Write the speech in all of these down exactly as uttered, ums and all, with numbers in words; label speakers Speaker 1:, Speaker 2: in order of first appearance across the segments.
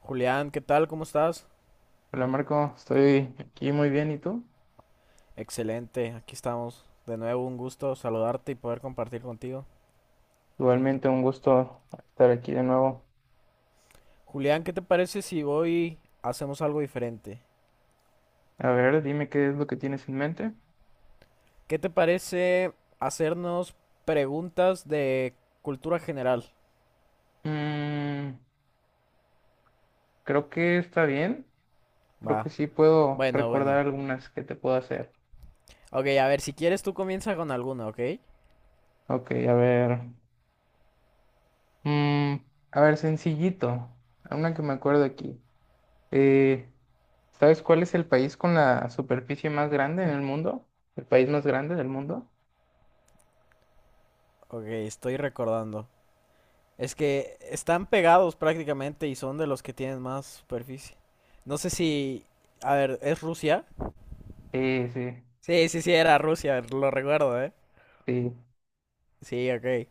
Speaker 1: Julián, ¿qué tal? ¿Cómo estás?
Speaker 2: Hola Marco, estoy aquí muy bien, ¿y tú?
Speaker 1: Excelente, aquí estamos. De nuevo, un gusto saludarte y poder compartir contigo.
Speaker 2: Igualmente un gusto estar aquí de nuevo.
Speaker 1: Julián, ¿qué te parece si hoy hacemos algo diferente?
Speaker 2: A ver, dime qué es lo que tienes en mente.
Speaker 1: ¿Qué te parece hacernos preguntas de cultura general?
Speaker 2: Mm, creo que está bien, creo que
Speaker 1: Va.
Speaker 2: sí puedo
Speaker 1: Bueno,
Speaker 2: recordar
Speaker 1: bueno.
Speaker 2: algunas que te puedo hacer.
Speaker 1: Ok, a ver, si quieres tú comienza con alguna, ¿ok?
Speaker 2: Ok, a ver. Mm, a ver, sencillito, una que me acuerdo aquí. Eh, ¿sabes cuál es el país con la superficie más grande en el mundo? ¿El país más grande del mundo?
Speaker 1: Ok, estoy recordando. Es que están pegados prácticamente y son de los que tienen más superficie. No sé si... A ver, ¿es Rusia?
Speaker 2: Eh, sí,
Speaker 1: Sí, sí, sí, era Rusia, lo recuerdo, ¿eh?
Speaker 2: sí.
Speaker 1: Sí, ok.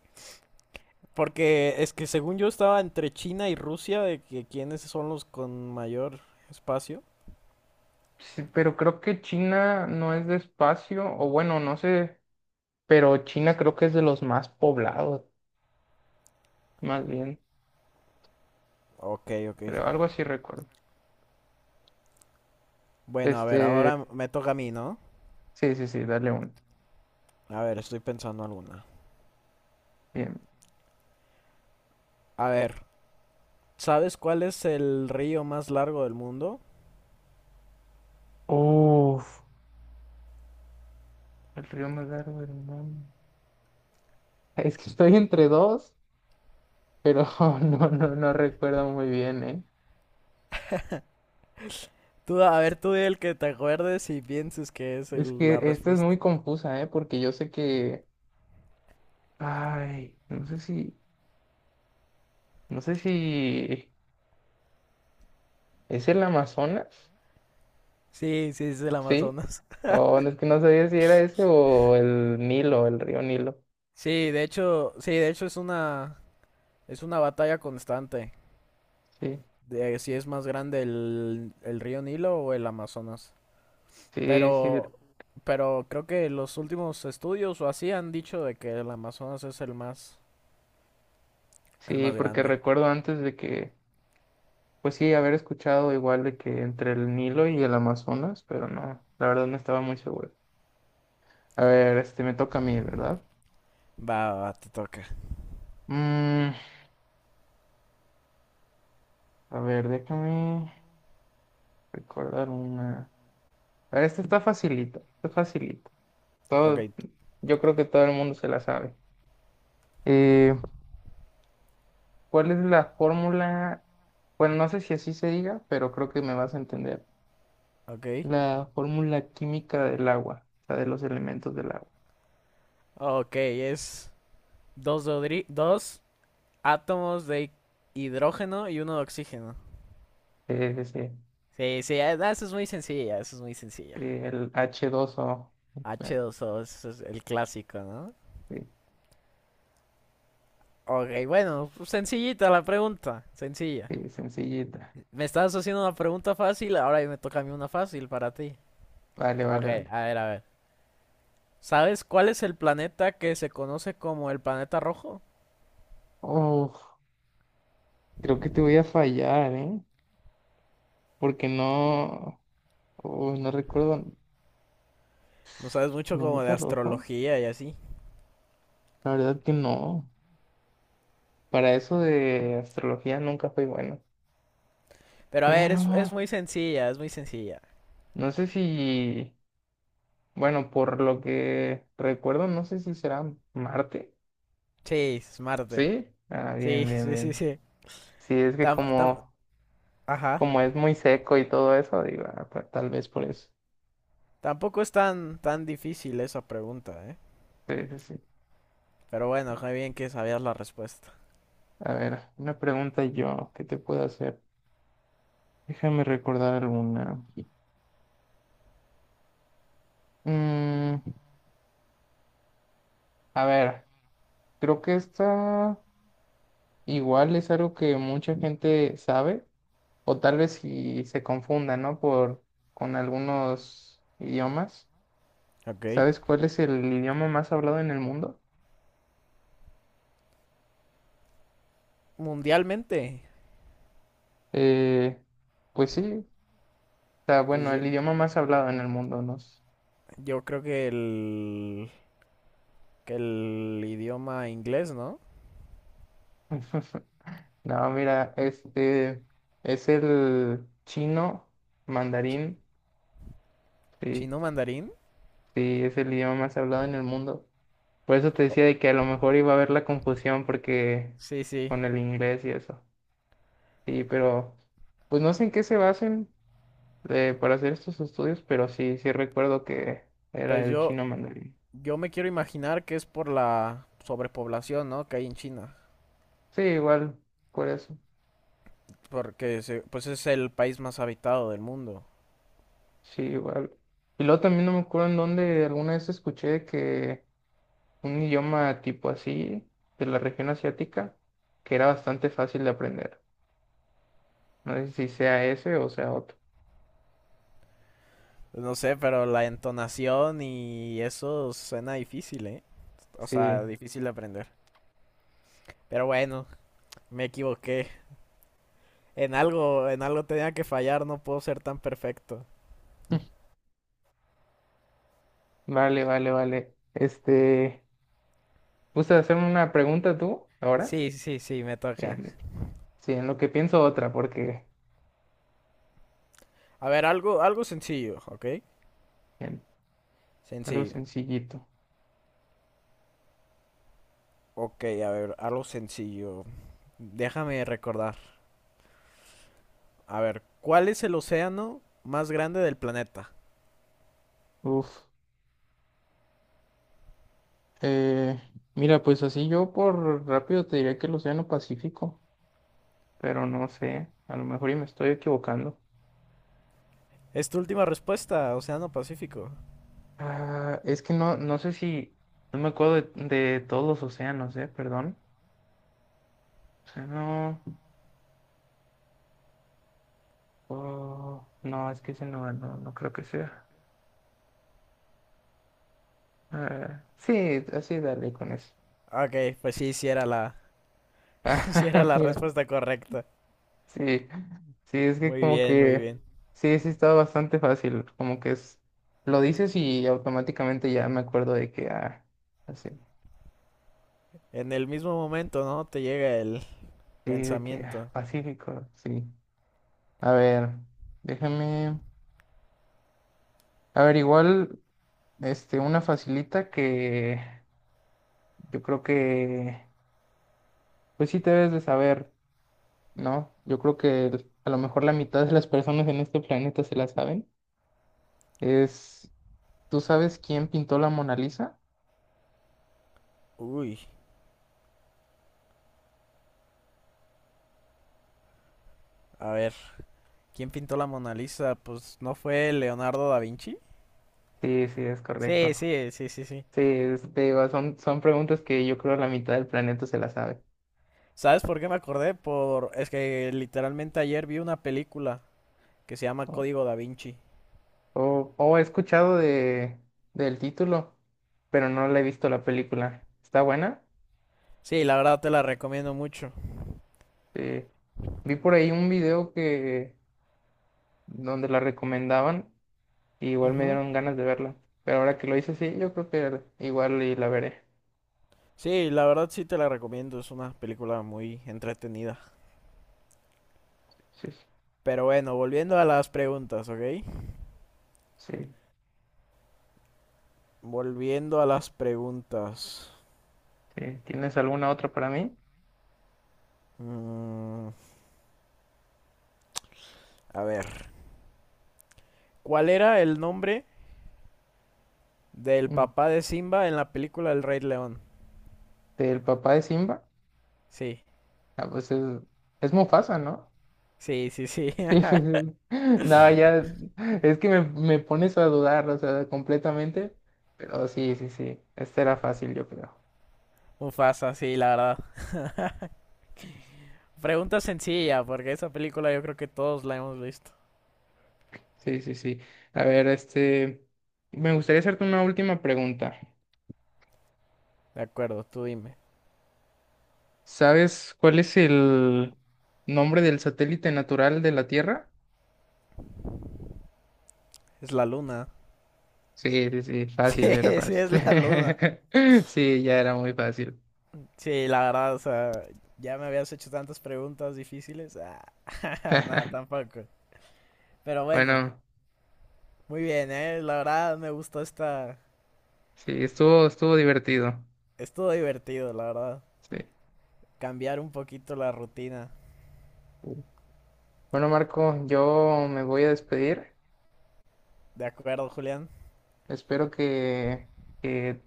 Speaker 1: Porque es que según yo estaba entre China y Rusia de que quiénes son los con mayor espacio.
Speaker 2: Sí, pero creo que China no es de espacio, o bueno, no sé, pero China creo que es de los más poblados, más bien,
Speaker 1: Ok, ok.
Speaker 2: creo, algo así recuerdo.
Speaker 1: Bueno, a ver,
Speaker 2: Este,
Speaker 1: ahora me toca a mí, ¿no?
Speaker 2: sí, sí, sí, dale uno.
Speaker 1: A ver, estoy pensando alguna.
Speaker 2: Bien.
Speaker 1: A ver, ¿sabes cuál es el río más largo del mundo?
Speaker 2: Uf, el río más largo del mundo. Es que estoy entre dos, pero no, no, no recuerdo muy bien, ¿eh?
Speaker 1: Tú, a ver, tú di el que te acuerdes y pienses que es
Speaker 2: Es
Speaker 1: el-
Speaker 2: que
Speaker 1: la
Speaker 2: esta es
Speaker 1: respuesta.
Speaker 2: muy confusa, ¿eh? Porque yo sé que, ay, no sé si, no sé si es el Amazonas.
Speaker 1: Sí, sí, es el
Speaker 2: Sí,
Speaker 1: Amazonas.
Speaker 2: o no es que no sabía si era ese o el Nilo, el río Nilo.
Speaker 1: Sí, de hecho, sí, de hecho es una, es una batalla constante.
Speaker 2: Sí,
Speaker 1: De si es más grande el, el río Nilo o el Amazonas.
Speaker 2: sí, sí,
Speaker 1: Pero, pero creo que los últimos estudios o así han dicho de que el Amazonas es el más, el
Speaker 2: sí,
Speaker 1: más
Speaker 2: porque
Speaker 1: grande.
Speaker 2: recuerdo antes de que, pues sí, haber escuchado igual de que entre el Nilo y el Amazonas, pero no, la verdad no estaba muy seguro. A ver, este me toca a mí, ¿verdad?
Speaker 1: Va, va, te toca.
Speaker 2: Mm, a ver, déjame recordar una. A ver, esta está facilita, está facilita.
Speaker 1: Ok,
Speaker 2: Todo, yo creo que todo el mundo se la sabe. Eh, ¿Cuál es la fórmula? Bueno, no sé si así se diga, pero creo que me vas a entender.
Speaker 1: ok.
Speaker 2: La fórmula química del agua, o sea, de los elementos del agua.
Speaker 1: Ok, es dos, dodri- dos átomos de hidrógeno y uno de oxígeno.
Speaker 2: Es ese,
Speaker 1: Sí, sí, eh, no, eso es muy sencilla, eso es muy sencilla.
Speaker 2: el h dos o.
Speaker 1: h
Speaker 2: Bueno,
Speaker 1: dos o eso es el clásico, ¿no?
Speaker 2: sí,
Speaker 1: Ok, bueno, pues sencillita la pregunta, sencilla.
Speaker 2: sí, sencillita.
Speaker 1: Me estabas haciendo una pregunta fácil, ahora me toca a mí una fácil para ti.
Speaker 2: Vale,
Speaker 1: Ok,
Speaker 2: vale, vale.
Speaker 1: a ver, a ver. ¿Sabes cuál es el planeta que se conoce como el planeta rojo?
Speaker 2: Oh, creo que te voy a fallar, ¿eh? Porque no, oh, no recuerdo
Speaker 1: No sabes mucho como de
Speaker 2: planeta rojo.
Speaker 1: astrología y así.
Speaker 2: La verdad que no. Para eso de astrología nunca fui bueno.
Speaker 1: Pero a ver,
Speaker 2: Pero
Speaker 1: es, es muy sencilla, es muy sencilla.
Speaker 2: no sé si. Bueno, por lo que recuerdo, no sé si será Marte.
Speaker 1: Sí, es Marte.
Speaker 2: ¿Sí? Ah, bien,
Speaker 1: Sí,
Speaker 2: bien,
Speaker 1: sí, sí,
Speaker 2: bien.
Speaker 1: sí.
Speaker 2: Sí, es que
Speaker 1: Tam- tam-
Speaker 2: como,
Speaker 1: Ajá.
Speaker 2: como es muy seco y todo eso, digo, ah, pues, tal vez por eso.
Speaker 1: Tampoco es tan, tan difícil esa pregunta, ¿eh?
Speaker 2: Sí, sí, sí.
Speaker 1: Pero bueno, qué bien que sabías la respuesta.
Speaker 2: A ver, una pregunta yo, ¿qué te puedo hacer? Déjame recordar una. Mm, a ver, creo que esta igual es algo que mucha gente sabe, o tal vez si se confunda, ¿no? Por, con algunos idiomas.
Speaker 1: Ok.
Speaker 2: ¿Sabes cuál es el idioma más hablado en el mundo?
Speaker 1: Mundialmente,
Speaker 2: Eh, pues sí, o sea,
Speaker 1: pues
Speaker 2: bueno,
Speaker 1: yo,
Speaker 2: el idioma más hablado en el mundo, no sé.
Speaker 1: yo creo que el... que el idioma inglés, ¿no?
Speaker 2: No, mira, este es el chino
Speaker 1: Chi-
Speaker 2: mandarín, sí,
Speaker 1: Chino mandarín.
Speaker 2: sí, es el idioma más hablado en el mundo. Por eso te
Speaker 1: Oh,
Speaker 2: decía de que a lo mejor iba a haber la confusión porque
Speaker 1: sí, sí.
Speaker 2: con el inglés y eso. Sí, pero pues no sé en qué se basen eh, para hacer estos estudios, pero sí, sí recuerdo que era
Speaker 1: Pues
Speaker 2: el
Speaker 1: yo,
Speaker 2: chino mandarín.
Speaker 1: yo me quiero imaginar que es por la sobrepoblación, ¿no? Que hay en China.
Speaker 2: Sí, igual, por eso.
Speaker 1: Porque se- pues es el país más habitado del mundo.
Speaker 2: Sí, igual. Y luego también no me acuerdo en dónde alguna vez escuché que un idioma tipo así, de la región asiática, que era bastante fácil de aprender. No sé si sea ese o sea otro.
Speaker 1: No sé, pero la entonación y eso suena difícil, ¿eh? O sea,
Speaker 2: Sí.
Speaker 1: difícil de aprender. Pero bueno, me equivoqué. En algo, en algo tenía que fallar, no puedo ser tan perfecto.
Speaker 2: Vale, vale, vale. Este, ¿gustas hacerme una pregunta tú ahora?
Speaker 1: Sí, sí, sí, me
Speaker 2: Bien,
Speaker 1: toca.
Speaker 2: bien. Sí, en lo que pienso otra, porque
Speaker 1: A ver, algo, algo sencillo, ¿ok?
Speaker 2: bien, algo
Speaker 1: Sencillo.
Speaker 2: sencillito.
Speaker 1: Ok, a ver, algo sencillo. Déjame recordar. A ver, ¿cuál es el océano más grande del planeta?
Speaker 2: Uf. Eh, mira, pues así yo por rápido te diría que el Océano Pacífico, pero no sé, a lo mejor y me estoy equivocando.
Speaker 1: Es tu última respuesta, Océano Pacífico.
Speaker 2: Ah, es que no, no sé si, no me acuerdo de, de todos los océanos, ¿eh? Perdón. O sea, no, oh, no, es que ese no, no, no creo que sea. Ah, sí, así dale con eso.
Speaker 1: Ok, pues sí, sí era la, sí era
Speaker 2: Ah,
Speaker 1: la
Speaker 2: mira,
Speaker 1: respuesta correcta.
Speaker 2: sí, sí, es que
Speaker 1: Muy
Speaker 2: como
Speaker 1: bien, muy
Speaker 2: que,
Speaker 1: bien.
Speaker 2: sí, sí estaba bastante fácil, como que es, lo dices y automáticamente ya me acuerdo de que, ah, así,
Speaker 1: En el mismo momento, ¿no? Te llega el
Speaker 2: sí, de que, ah,
Speaker 1: pensamiento.
Speaker 2: Pacífico, sí. A ver, déjame. A ver, igual, este, una facilita que yo creo que, pues sí te debes de saber, ¿no? Yo creo que el- a lo mejor la mitad de las personas en este planeta se la saben. Es, ¿tú sabes quién pintó la Mona Lisa?
Speaker 1: Uy, a ver, ¿quién pintó la Mona Lisa? Pues no fue Leonardo da Vinci.
Speaker 2: Sí, sí, es
Speaker 1: Sí,
Speaker 2: correcto.
Speaker 1: sí, sí, sí, sí.
Speaker 2: Sí, es- te digo son, son preguntas que yo creo la mitad del planeta se las sabe.
Speaker 1: ¿Sabes por qué me acordé? Por es que literalmente ayer vi una película que se llama
Speaker 2: O,
Speaker 1: Código Da Vinci.
Speaker 2: o- o he escuchado de, del título, pero no le he visto la película. ¿Está buena?
Speaker 1: Sí, la verdad te la recomiendo mucho.
Speaker 2: Sí. Vi por ahí un video que donde la recomendaban y igual me
Speaker 1: Ujú.
Speaker 2: dieron ganas de verla. Pero ahora que lo hice, sí, yo creo que igual y la veré.
Speaker 1: Sí, la verdad sí te la recomiendo, es una película muy entretenida.
Speaker 2: Sí, sí,
Speaker 1: Pero bueno, volviendo a las preguntas, ¿ok? Volviendo a las preguntas.
Speaker 2: sí. ¿Tienes alguna otra para mí?
Speaker 1: Mm, a ver, ¿cuál era el nombre del
Speaker 2: Mm.
Speaker 1: papá de Simba en la película El Rey León?
Speaker 2: ¿Del papá de Simba?
Speaker 1: Sí,
Speaker 2: Ah, pues es, es Mufasa, ¿no?
Speaker 1: sí, sí, sí.
Speaker 2: Sí, pues, es- No, ya, es que me, me pones a dudar, o sea, completamente. Pero sí, sí, sí, esta era fácil, yo creo.
Speaker 1: Mufasa, sí, la verdad. Pregunta sencilla, porque esa película yo creo que todos la hemos visto.
Speaker 2: Sí, sí, sí. A ver, este, me gustaría hacerte una última pregunta.
Speaker 1: De acuerdo, tú dime.
Speaker 2: ¿Sabes cuál es el nombre del satélite natural de la Tierra?
Speaker 1: Es la luna.
Speaker 2: Sí, sí, sí, fácil,
Speaker 1: Sí,
Speaker 2: era
Speaker 1: sí,
Speaker 2: fácil.
Speaker 1: es la luna.
Speaker 2: Sí, ya era muy fácil.
Speaker 1: Sí, la verdad, o sea, ya me habías hecho tantas preguntas difíciles. Ah, nada, tampoco. Pero bueno,
Speaker 2: Bueno,
Speaker 1: muy bien, ¿eh? La verdad me gustó esta...
Speaker 2: sí, estuvo, estuvo divertido.
Speaker 1: Estuvo divertido, la verdad.
Speaker 2: Sí.
Speaker 1: Cambiar un poquito la rutina.
Speaker 2: Sí. Bueno, Marco, yo me voy a despedir.
Speaker 1: De acuerdo, Julián.
Speaker 2: Espero que, que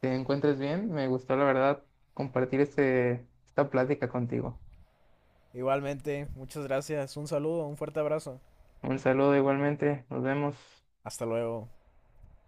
Speaker 2: te encuentres bien. Me gustó, la verdad, compartir este, esta plática contigo.
Speaker 1: Igualmente, muchas gracias. Un saludo, un fuerte abrazo.
Speaker 2: Un saludo igualmente. Nos vemos.
Speaker 1: Hasta luego.